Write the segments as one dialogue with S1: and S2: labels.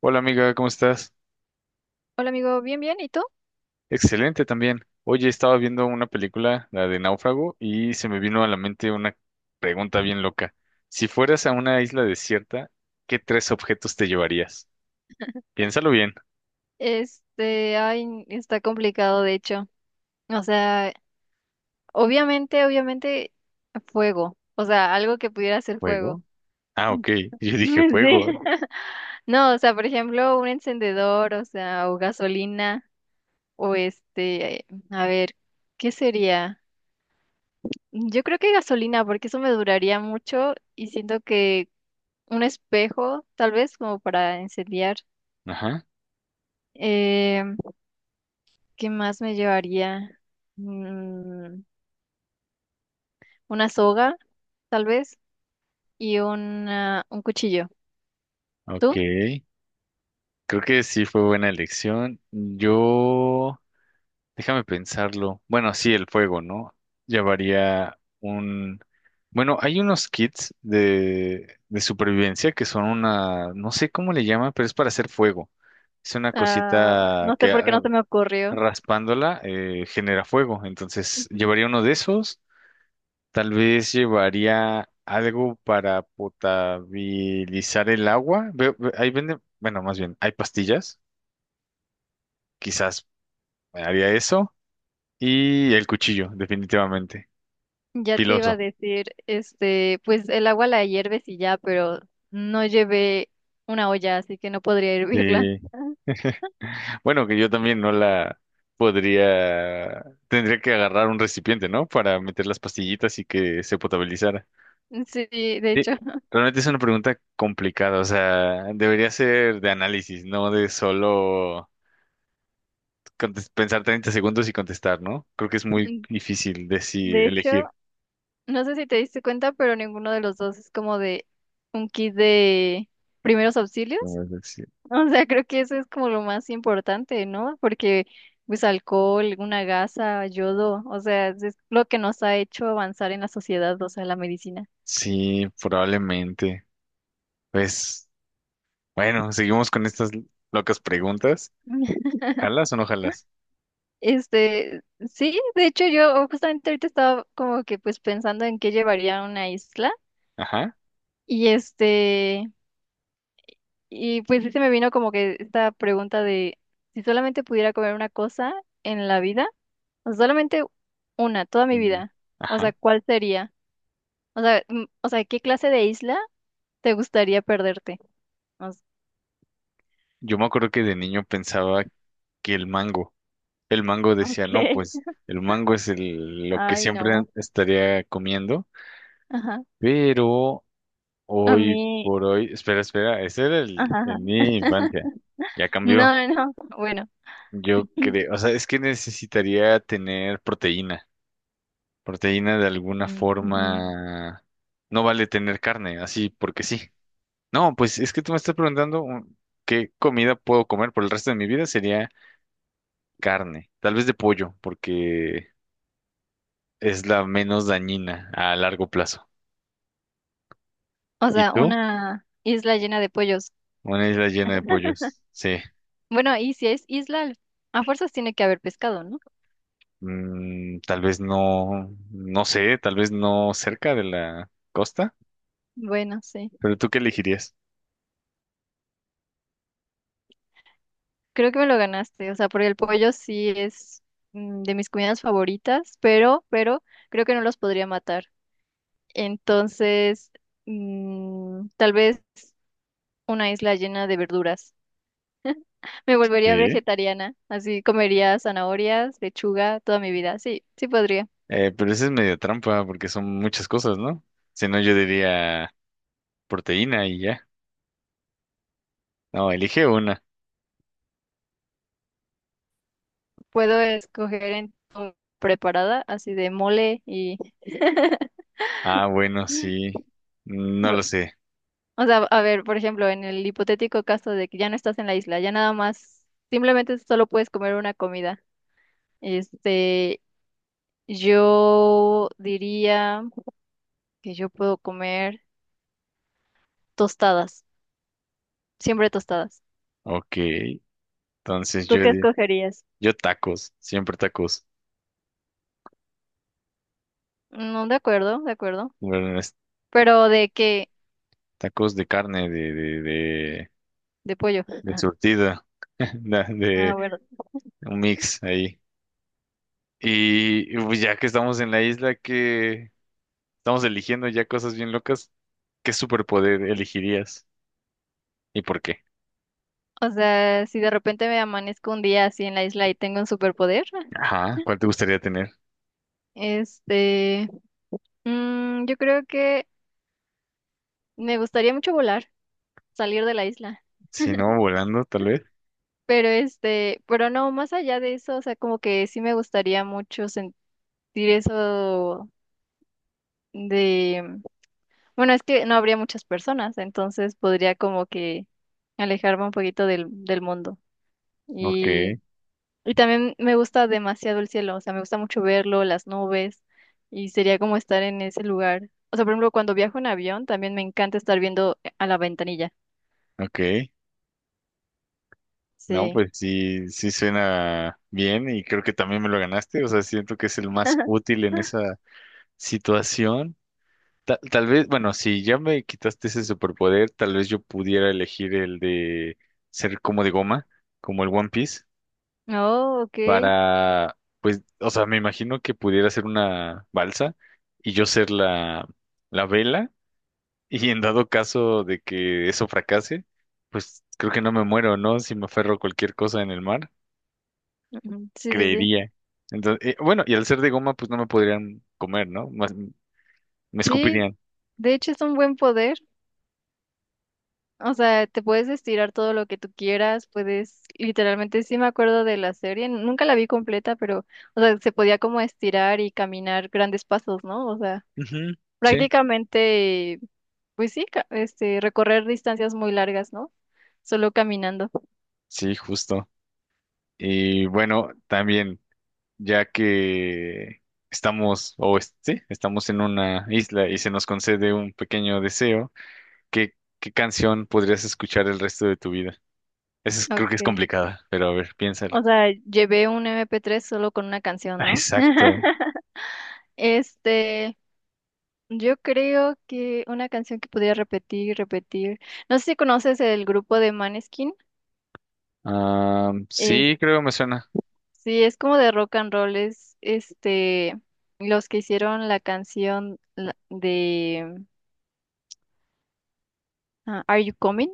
S1: Hola amiga, ¿cómo estás?
S2: Hola amigo, bien, bien, ¿y tú?
S1: Excelente también. Oye, estaba viendo una película, la de Náufrago, y se me vino a la mente una pregunta bien loca. Si fueras a una isla desierta, ¿qué tres objetos te llevarías? Piénsalo bien.
S2: Ay, está complicado de hecho. O sea, obviamente, obviamente, fuego. O sea, algo que pudiera ser fuego.
S1: ¿Fuego? Ah,
S2: Mm.
S1: ok. Yo dije
S2: Sí.
S1: fuego.
S2: No, o sea, por ejemplo, un encendedor, o sea, o gasolina, o a ver, ¿qué sería? Yo creo que gasolina, porque eso me duraría mucho y siento que un espejo, tal vez, como para incendiar.
S1: Ajá.
S2: Em, ¿Qué más me llevaría? Mm, una soga, tal vez, y un cuchillo.
S1: Ok.
S2: ¿Tú?
S1: Creo que sí fue buena elección. Yo déjame pensarlo. Bueno, sí, el fuego, ¿no? Llevaría un... Bueno, hay unos kits de supervivencia que son una... No sé cómo le llaman, pero es para hacer fuego. Es una
S2: Ah,
S1: cosita
S2: no sé
S1: que
S2: por qué no se me ocurrió.
S1: raspándola genera fuego. Entonces,
S2: Ujú.
S1: llevaría uno de esos. Tal vez llevaría algo para potabilizar el agua. Ahí venden... Bueno, más bien, hay pastillas. Quizás haría eso. Y el cuchillo, definitivamente.
S2: Ya te iba a
S1: Piloso.
S2: decir, pues el agua la hierves y ya, pero no llevé una olla, así que no podría hervirla.
S1: Sí.
S2: Ah.
S1: Bueno, que yo también no la podría, tendría que agarrar un recipiente, ¿no? Para meter las pastillitas y que se potabilizara.
S2: Sí, de
S1: Sí,
S2: hecho,
S1: realmente es una pregunta complicada, o sea, debería ser de análisis, no de solo pensar 30 segundos y contestar, ¿no? Creo que es muy difícil
S2: de
S1: decir,
S2: hecho,
S1: elegir.
S2: no sé si te diste cuenta, pero ninguno de los dos es como de un kit de primeros auxilios.
S1: Sí,
S2: O sea, creo que eso es como lo más importante, ¿no? Porque pues alcohol, una gasa, yodo, o sea, es lo que nos ha hecho avanzar en la sociedad, o sea, la medicina.
S1: sí, probablemente. Pues, bueno, seguimos con estas locas preguntas. ¿Jalas o no jalas?
S2: Este, sí, de hecho yo justamente ahorita estaba como que pues pensando en qué llevaría a una isla
S1: Ajá.
S2: y y pues sí se me vino como que esta pregunta de si solamente pudiera comer una cosa en la vida, o solamente una, toda mi
S1: Una.
S2: vida, o sea,
S1: Ajá.
S2: ¿cuál sería? O sea, o sea, ¿qué clase de isla te gustaría perderte? O s-
S1: Yo me acuerdo que de niño pensaba que el mango decía, no,
S2: Ok.
S1: pues el mango es el, lo que
S2: Ay,
S1: siempre
S2: no.
S1: estaría comiendo,
S2: Ajá.
S1: pero
S2: A
S1: hoy
S2: mí.
S1: por hoy, espera, espera, ese era el,
S2: Ajá,
S1: en
S2: ajá.
S1: mi infancia, ya cambió.
S2: No, no, bueno.
S1: Yo creo, o sea, es que necesitaría tener proteína, proteína de alguna
S2: Mm, ujú.
S1: forma, no vale tener carne, así porque sí. No, pues es que tú me estás preguntando qué comida puedo comer por el resto de mi vida, sería carne, tal vez de pollo, porque es la menos dañina a largo plazo.
S2: O
S1: ¿Y
S2: sea,
S1: tú?
S2: una isla llena de pollos.
S1: Una isla llena de pollos. Sí.
S2: Bueno, y si es isla, a fuerzas tiene que haber pescado, ¿no?
S1: Mm, tal vez no, no sé, tal vez no cerca de la costa,
S2: Bueno, sí.
S1: pero ¿tú qué elegirías?
S2: Creo que me lo ganaste. O sea, porque el pollo sí es de mis comidas favoritas, pero, creo que no los podría matar. Entonces, tal vez una isla llena de verduras. Me volvería
S1: Sí.
S2: vegetariana, así comería zanahorias, lechuga toda mi vida. Sí, sí podría.
S1: Pero esa es medio trampa porque son muchas cosas, ¿no? Si no, yo diría proteína y ya. No, elige una.
S2: Puedo escoger en o preparada, así de mole y...
S1: Ah, bueno, sí. No
S2: bu-
S1: lo sé.
S2: O sea, a ver, por ejemplo, en el hipotético caso de que ya no estás en la isla, ya nada más, simplemente solo puedes comer una comida. Este, yo diría que yo puedo comer tostadas, siempre tostadas.
S1: Ok. Entonces
S2: ¿Tú
S1: yo,
S2: qué escogerías?
S1: yo tacos, siempre tacos.
S2: No, de acuerdo, de acuerdo.
S1: Bueno,
S2: Pero de qué,
S1: tacos de carne,
S2: de pollo.
S1: de surtida,
S2: Ah,
S1: de
S2: bueno.
S1: un mix ahí. Y, pues, ya que estamos en la isla, que estamos eligiendo ya cosas bien locas, ¿qué superpoder elegirías? ¿Y por qué?
S2: O sea, si de repente me amanezco un día así en la isla y tengo un superpoder,
S1: Ajá, ¿cuál te gustaría tener?
S2: este, yo creo que me gustaría mucho volar, salir de la isla.
S1: Si no, volando, tal vez.
S2: Pero pero no, más allá de eso, o sea, como que sí me gustaría mucho sentir eso de, bueno, es que no habría muchas personas, entonces podría como que alejarme un poquito del mundo.
S1: Ok,
S2: Y también me gusta demasiado el cielo, o sea, me gusta mucho verlo, las nubes, y sería como estar en ese lugar. O sea, por ejemplo, cuando viajo en avión, también me encanta estar viendo a la ventanilla.
S1: ok. No,
S2: Sí.
S1: pues sí, sí suena bien y creo que también me lo ganaste. O sea, siento que es el más útil en esa situación. Tal vez, bueno, si ya me quitaste ese superpoder, tal vez yo pudiera elegir el de ser como de goma, como el One Piece,
S2: Oh, ok.
S1: para, pues, o sea, me imagino que pudiera ser una balsa y yo ser la, la vela y en dado caso de que eso fracase, pues creo que no me muero, ¿no? Si me aferro a cualquier cosa en el mar,
S2: Ujú, sí, sí, sí.
S1: creería. Entonces, bueno, y al ser de goma, pues no me podrían comer, ¿no? Más- me
S2: Sí,
S1: escupirían.
S2: de hecho es un buen poder. O sea, te puedes estirar todo lo que tú quieras, puedes, literalmente, sí me acuerdo de la serie, nunca la vi completa, pero, o sea, se podía como estirar y caminar grandes pasos, ¿no? O sea.
S1: Ujú, sí.
S2: Prácticamente, pues sí, recorrer distancias muy largas, ¿no? Solo caminando.
S1: Sí, justo. Y bueno, también, ya que estamos, sí, estamos en una isla y se nos concede un pequeño deseo, ¿qué canción podrías escuchar el resto de tu vida? Esa es- creo que es
S2: Okay.
S1: complicada, pero a ver,
S2: O
S1: piénsala.
S2: sea, llevé un MP3 solo con una canción,
S1: Ah,
S2: ¿no?
S1: exacto.
S2: Este, yo creo que una canción que podría repetir, repetir. No sé si conoces el grupo de Maneskin.
S1: Ah,
S2: Eh,
S1: sí, creo me suena.
S2: sí, es como de rock and roll, es los que hicieron la canción de Ah, Are You Coming?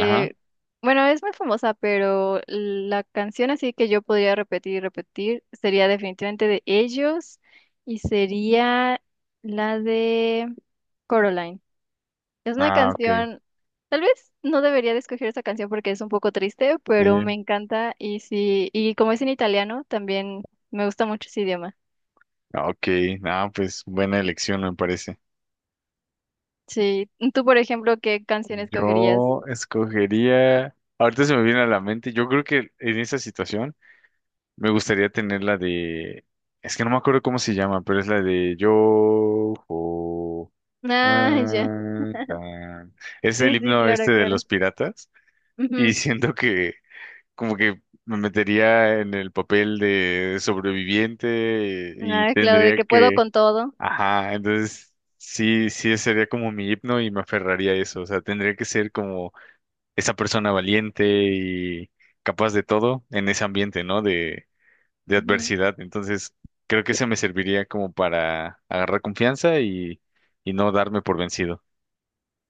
S1: Ajá.
S2: bueno, es muy famosa, pero la canción así que yo podría repetir y repetir sería definitivamente de ellos y sería la de Coraline. Es una
S1: Ah, ok.
S2: canción, tal vez no debería de escoger esa canción porque es un poco triste, pero me
S1: Sí.
S2: encanta y sí, y como es en italiano, también me gusta mucho ese idioma.
S1: Ok. Ah, pues buena elección me parece.
S2: Sí, tú por ejemplo, ¿qué canción escogerías?
S1: Yo escogería. Ahorita se me viene a la mente. Yo creo que en esa situación. Me gustaría tener la de. Es que no me acuerdo cómo se llama, pero es la de yo. Jo,
S2: Ah, ya.
S1: ah, tan. Es el
S2: Sí, sí,
S1: himno
S2: claro,
S1: este de
S2: claro.
S1: los piratas. Y
S2: Ujú.
S1: siento que como que me metería en el papel de sobreviviente y
S2: Ah, claro, de
S1: tendría
S2: que puedo
S1: que.
S2: con todo.
S1: Ajá, entonces sí, sí sería como mi himno y me aferraría a eso. O sea, tendría que ser como esa persona valiente y capaz de todo en ese ambiente, ¿no? De
S2: Ujú.
S1: adversidad. Entonces, creo que eso me serviría como para agarrar confianza y no darme por vencido.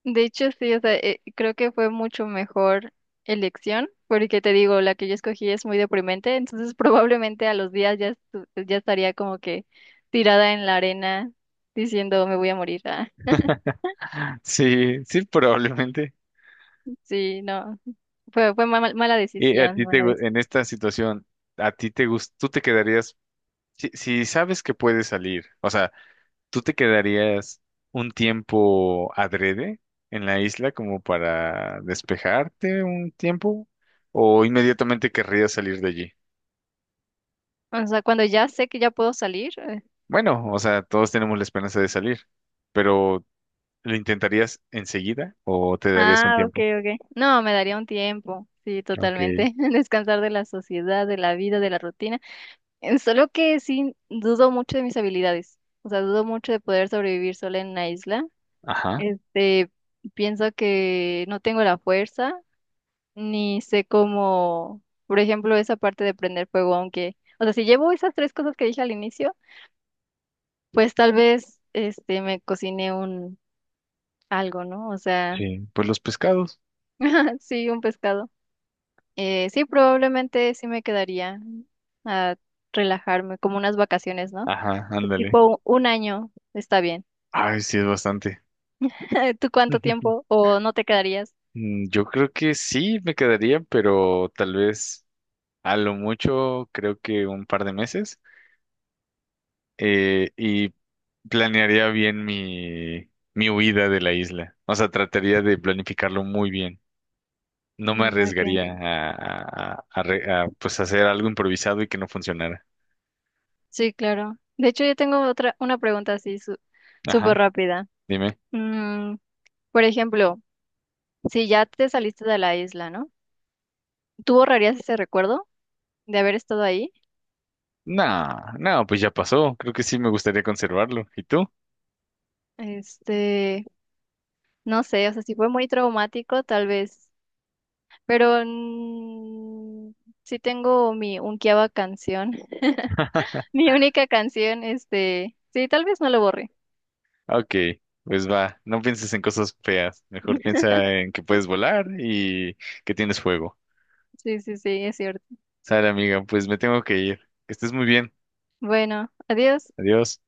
S2: De hecho, sí, o sea, creo que fue mucho mejor elección, porque te digo, la que yo escogí es muy deprimente, entonces probablemente a los días ya, ya estaría como que tirada en la arena diciendo me voy a morir. Ah,
S1: Sí, sí, probablemente.
S2: sí, no, fue mala
S1: Y a
S2: decisión,
S1: ti te,
S2: mala decisión.
S1: en esta situación, a ti te gusta, tú te quedarías, si, si sabes que puedes salir, o sea, tú te quedarías un tiempo adrede en la isla como para despejarte un tiempo o inmediatamente querrías salir de allí.
S2: O sea, cuando ya sé que ya puedo salir.
S1: Bueno, o sea, todos tenemos la esperanza de salir, pero ¿lo intentarías enseguida o te darías un
S2: Ah, ok,
S1: tiempo?
S2: ok. No, me daría un tiempo, sí,
S1: Ok.
S2: totalmente. Descansar de la sociedad, de la vida, de la rutina. En solo que sí, dudo mucho de mis habilidades. O sea, dudo mucho de poder sobrevivir sola en la isla.
S1: Ajá.
S2: Este, pienso que no tengo la fuerza, ni sé cómo, por ejemplo, esa parte de prender fuego, aunque, o sea, si llevo esas tres cosas que dije al inicio, pues tal vez, me cocine un algo, ¿no? O sea,
S1: Sí. Pues los pescados.
S2: sí, un pescado. Sí, probablemente sí me quedaría a relajarme, como unas vacaciones, ¿no?
S1: Ajá, ándale.
S2: Tipo un año, está bien.
S1: Ay, sí, es bastante.
S2: ¿Tú cuánto tiempo o no te quedarías?
S1: Mm, yo creo que sí me quedaría, pero tal vez a lo mucho creo que un par de meses y planearía bien mi, mi huida de la isla. O sea, trataría de planificarlo muy bien. No me
S2: Mm, okay.
S1: arriesgaría a, pues hacer algo improvisado y que no funcionara.
S2: Sí, claro. De hecho, yo tengo otra una pregunta así súper
S1: Ajá,
S2: rápida.
S1: dime.
S2: Mm, por ejemplo, si ya te saliste de la isla, ¿no? ¿Tú borrarías ese recuerdo de haber estado ahí?
S1: Nah, no, pues ya pasó. Creo que sí me gustaría conservarlo. ¿Y tú?
S2: Este, no sé, o sea, si fue muy traumático, tal vez. Pero sí tengo mi unkiaba canción. Mi única canción, sí, tal vez no lo borré.
S1: Ok, pues va. No pienses en cosas feas. Mejor piensa en que puedes volar y que tienes fuego.
S2: Sí, sí, sí, es cierto.
S1: Sale, amiga, pues me tengo que ir. Que estés muy bien.
S2: Bueno, adiós.
S1: Adiós.